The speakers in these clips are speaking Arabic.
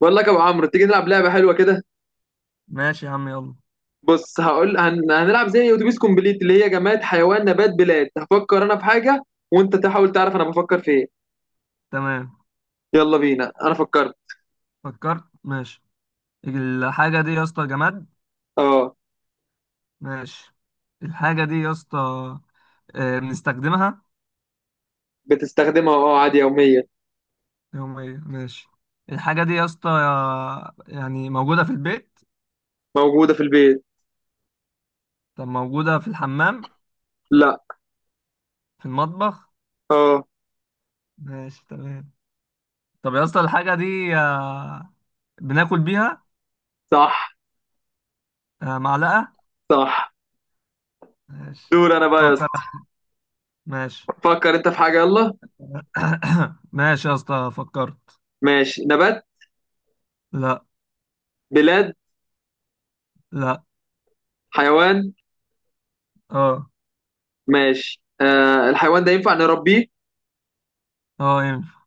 بقول لك يا ابو عمرو، تيجي نلعب لعبه حلوه كده. ماشي يا عم، يلا. بص، هقول هنلعب زي اتوبيس كومبليت، اللي هي جماد، حيوان، نبات، بلاد. هفكر انا في حاجه وانت تحاول تعرف انا بفكر في ايه. تمام. يلا بينا، انا فكرت. فكرت، ماشي. الحاجة دي يا اسطى جماد؟ اه، ماشي. الحاجة دي يا اسطى بنستخدمها؟ بتستخدمها. اه عادي، يوميا. يوميا، ماشي. الحاجة دي يا اسطى يعني موجودة في البيت؟ موجوده في البيت. طب موجودة في الحمام؟ لا. في المطبخ؟ اه. ماشي تمام. طب يا اسطى الحاجة دي بناكل بيها؟ صح. معلقة؟ صح. ماشي. دور انا بقى يا اسطى. أفكر. ماشي. فكر انت في حاجه، يلا. ماشي يا اسطى، فكرت. ماشي. نبات؟ لا. بلاد؟ لا. حيوان؟ اه. ماشي. آه، الحيوان ده ينفع نربيه؟ اه، ينفع.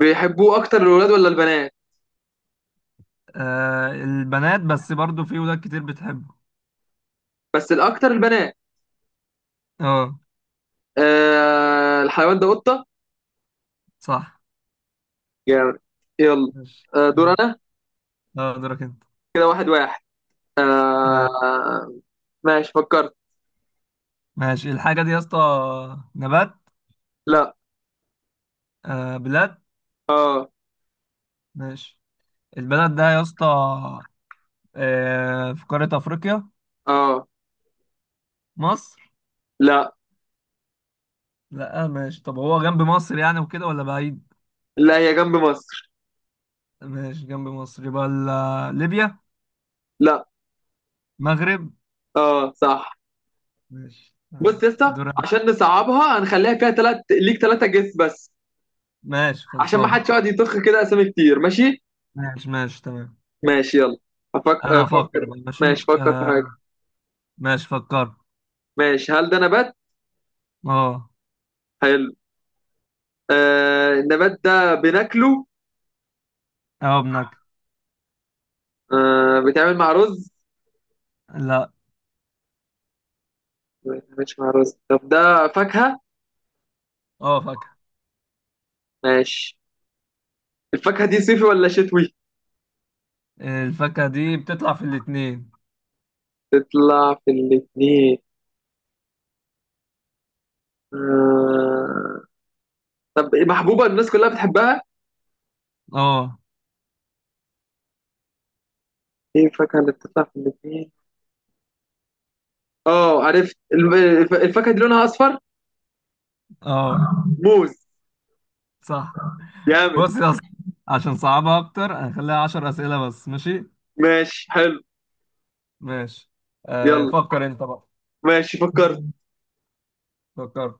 بيحبوه اكتر الولاد ولا البنات؟ آه، البنات بس برضو في ولاد كتير بتحبه. بس الاكتر البنات. اه، آه، الحيوان ده قطه. صح. جامد. يلا. ماشي، دور اه. انا. اه، دورك انت. كده واحد واحد. تمام. آه. ماشي، فكرت. ماشي، الحاجة دي يا اسطى نبات؟ لا. آه، بلاد. اه. ماشي. البلد ده يا اسطى في قارة أفريقيا؟ اه. مصر؟ لا. لا، ماشي. طب هو جنب مصر يعني وكده، ولا بعيد؟ لا، هي جنب مصر. ماشي، جنب مصر يبقى ليبيا؟ لا. مغرب؟ اه، صح. ماشي بص تمام، يا اسطى، دور أنا. عشان نصعبها هنخليها فيها تلات ليك، تلاتة جس بس. ماشي، عشان ما خلصان. حدش يقعد يطخ كده اسامي كتير، ماشي؟ ماشي، ماشي، تمام. ماشي، يلا. انا هفكر افكر. بقى، ماشي، ماشي. فكر في حاجة. ماشي، فكرت. ماشي. هل ده نبات؟ اه. حلو. آه، النبات ده بناكله؟ اه، بنك. آه، بيتعمل مع رز؟ لا. ما بيتعملش مع رز. طب ده فاكهة؟ اه، فاكهة. ماشي. الفاكهة دي صيفي ولا شتوي؟ الفاكهة دي بتطلع في الاتنين. تطلع في الاتنين. آه... طب إيه، محبوبة الناس كلها بتحبها؟ اه. ايه الفاكهة اللي بتطلع في الاتنين؟ اه، عرفت. الفاكهة دي لونها أصفر؟ اه، موز. صح. جامد. بص يا اسطى، عشان صعبها اكتر هنخليها 10 اسئلة بس، ماشي؟ ماشي، حلو. ماشي. يلا. فكر انت بقى. ماشي، فكرت. فكر.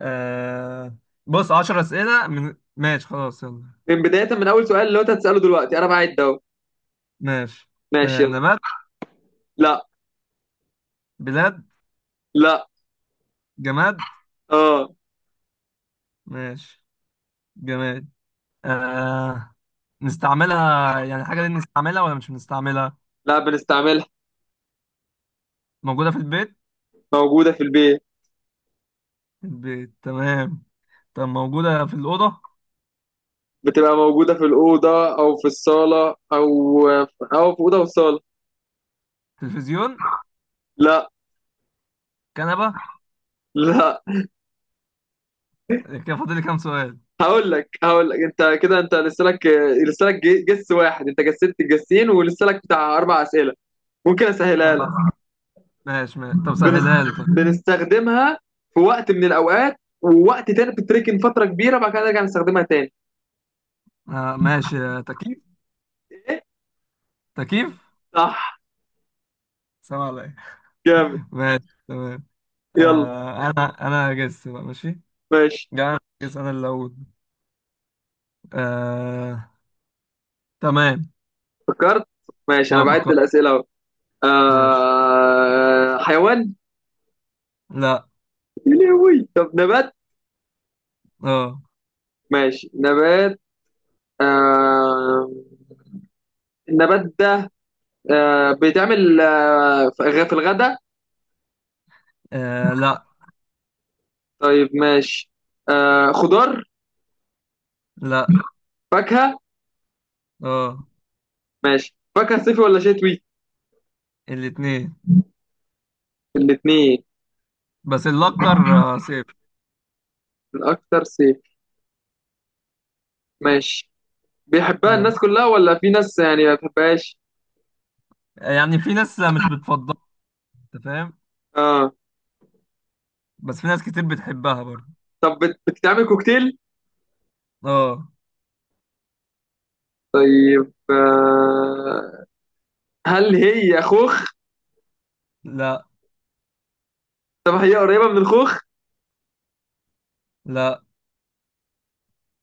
آه. بص، 10 أسئلة، من ماشي، خلاص، يلا. من بداية، من أول سؤال اللي هو أنت هتسأله دلوقتي أنا بعد أهو. ماشي. ماشي، آه، يلا. نبات؟ لا. بلاد؟ لا. جماد؟ اه. ماشي. جماد. آه نستعملها، يعني الحاجة دي نستعملها ولا مش بنستعملها؟ لا، بنستعملها. موجودة في البيت؟ موجودة في البيت. البيت، تمام. طب موجودة في الأوضة؟ بتبقى موجودة في الأوضة أو في الصالة، أو أو في أوضة وصالة. تلفزيون؟ لا. كنبة؟ لا. كده فاضل لي كام سؤال؟ هقول لك انت كده، انت لسه لك. لسه لك جس واحد. انت جسدت الجسين ولسه لك بتاع اربع اسئله. ممكن اسهلها لك. أربع. ماشي، ماشي. طب بنس... سهلها لي طيب. بنستخدمها في وقت من الاوقات، ووقت تاني بتتركن فتره كبيره، بعد كده نرجع نستخدمها تاني. آه، ماشي، تكييف؟ إيه؟ تكييف. صح. سلام عليك. جامد. ماشي، تمام. يلا. أنا هجس بقى، ماشي. ماشي، جاي هجس، أنا اللي أقول. آه. تمام. فكرت. ماشي، انا أه، بعد فكرت. الاسئله اهو. ماشي. آه... حيوان. لا. يا لهوي. طب نبات. أه. ماشي نبات. آه... النبات ده آه... بيتعمل آه... في في الغداء. لا. طيب، ماشي. آه، خضار؟ لا. فاكهة. أه. ماشي، فاكهة. صيفي ولا شتوي؟ الاتنين. الاتنين. بس الأكتر صفر. الأكتر صيفي. ماشي. بيحبها آه. الناس كلها ولا في ناس يعني ما بتحبهاش؟ يعني في ناس مش بتفضلها، أنت فاهم؟ اه. بس في ناس كتير بتحبها برضه. طب بتتعمل كوكتيل؟ اه. طيب، آه، هل هي خوخ؟ لا. طب هي قريبة من الخوخ؟ لا.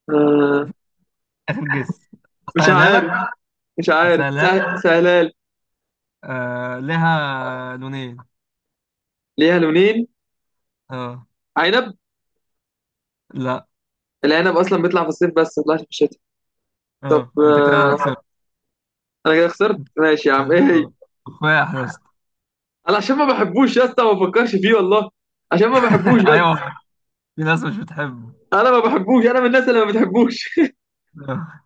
آه. اخر جس. مش اسهلها لك. عارف، مش عارف. اسهلها لك. سهلال. لها لونين. ليها لونين؟ اه. عنب. لا. العنب أصلا بيطلع في الصيف، بس ما بيطلعش في الشتاء. طب اه، انت كده آه، خسرت. أنا كده خسرت. ماشي يا عم، إيه اه، هي؟ آه، تفاح يا اسطى. انا عشان ما بحبوش يا اسطى ما بفكرش فيه والله، عشان ما بحبوش بس. ايوه، في ناس مش بتحبه. انا ما بحبوش، انا من الناس اللي ما بتحبوش. آه.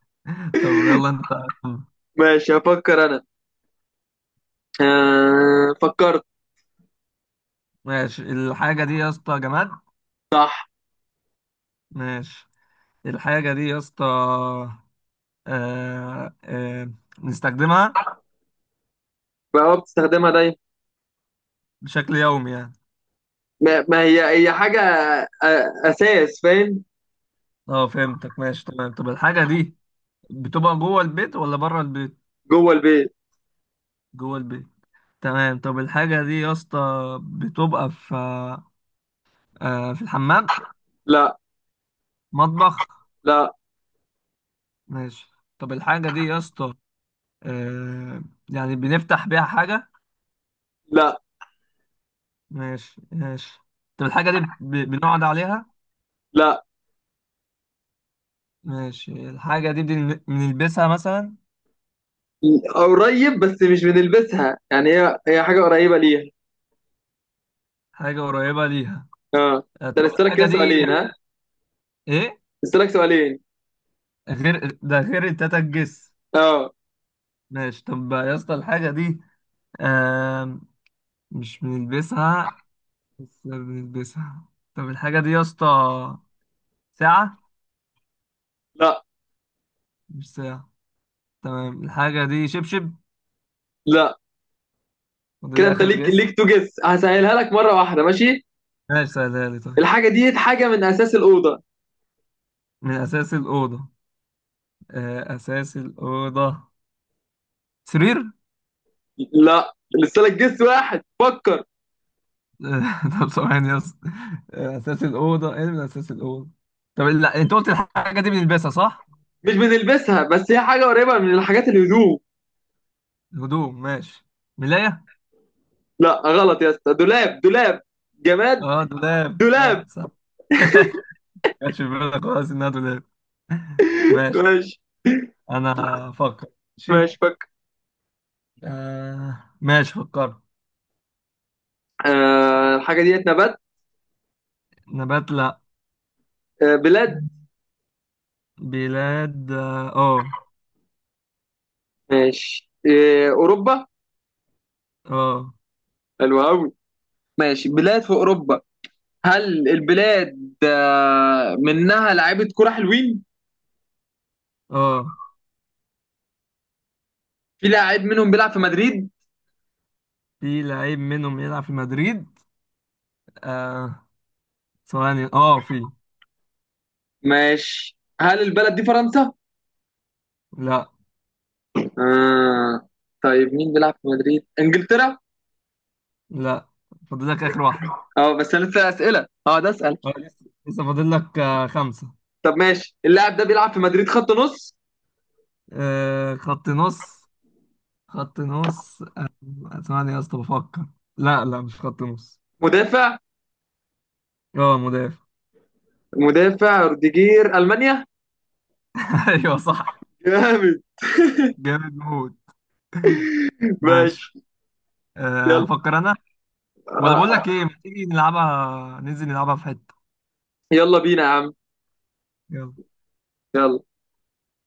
طب، يلا انت. ماشي، هفكر انا. آه، فكرت. ماشي، الحاجه دي يا اسطى جماد؟ صح. ماشي. الحاجه دي يا اسطى آه آه نستخدمها؟ بقى بتستخدمها دايما. بشكل يومي يعني؟ ما هي هي حاجه اساس، فاهم؟ اه، فهمتك، ماشي تمام. طب الحاجه دي بتبقى جوه البيت ولا بره البيت؟ جوه البيت. جوه البيت. تمام. طب الحاجة دي يا اسطى بتبقى في الحمام؟ لا. مطبخ؟ لا. ماشي. طب الحاجة دي يا اسطى آه، يعني بنفتح بيها حاجة؟ لا. ماشي، ماشي. طب الحاجة دي بنقعد عليها؟ لا. ماشي. الحاجة دي بنلبسها مثلا؟ قريب، بس مش بنلبسها، يعني هي هي حاجه قريبه ليها. حاجة قريبة ليها. اه. انت طب لسه لك الحاجة كده دي سؤالين، ها. ايه؟ لسه لك سؤالين. غير ده، غير التاتا الجس؟ اه. ماشي. طب يا اسطى الحاجة دي آه، مش بنلبسها. بس بنلبسها؟ طب الحاجة دي يا اسطى ساعة؟ لا. مش ساعة. تمام. الحاجة دي شبشب؟ لا. وده، كده ده انت آخر ليك، جس. ليك تو جس. هسهلها لك مره واحده، ماشي. ماشي، سهلها لي طيب. الحاجه دي حاجه من اساس الاوضه. من أساس الأوضة؟ أساس الأوضة. سرير؟ لا، لسه لك جس واحد، فكر. طب ثواني يس. أساس الأوضة إيه؟ من أساس الأوضة؟ طب لا، أنت قلت الحاجة دي بنلبسها صح؟ مش بنلبسها بس هي حاجه قريبه من الحاجات، الهدوم. الهدوم، ماشي. ملاية؟ لا، غلط يا اسطى. دولاب، دولاب. جماد. أه، دولاب. دولاب. أه، صح. كانش في بالك خالص إنها دولاب. ماشي. ماشي. أنا أفكر. ماشي. ماشي، فكر. ماشي، فكرت. آه، الحاجه ديت نبات؟ نبات؟ لا. آه، بلاد. بلاد؟ اه. آه. ماشي، آه، اوروبا. اه. حلو قوي. ماشي، بلاد في اوروبا. هل البلاد آه منها لعيبه كوره حلوين؟ اه، في لاعب منهم بيلعب في مدريد. في لعيب منهم يلعب في مدريد. آه. ثواني، اه، في. ماشي، هل البلد دي فرنسا؟ لا. آه. طيب مين بيلعب في مدريد؟ انجلترا؟ لا، فاضل لك اخر واحدة. اه، بس انا لسه اسئله اه ده اسال. اه، لسه فاضل لك خمسة. طب ماشي، اللاعب ده بيلعب في مدريد خط نص؟ خط نص. خط نص. ثواني يا اسطى، بفكر. لا، لا، مش خط نص. مدافع. اه، مدافع. مدافع. روديجير، المانيا. ايوه، صح. جامد. جامد موت. ماشي. ماشي. يلا. افكر انا. ولا آه. بقول لك آه. ايه، ما تيجي نلعبها، ننزل نلعبها في حتة؟ يلا بينا يا عم. يلا. يلا.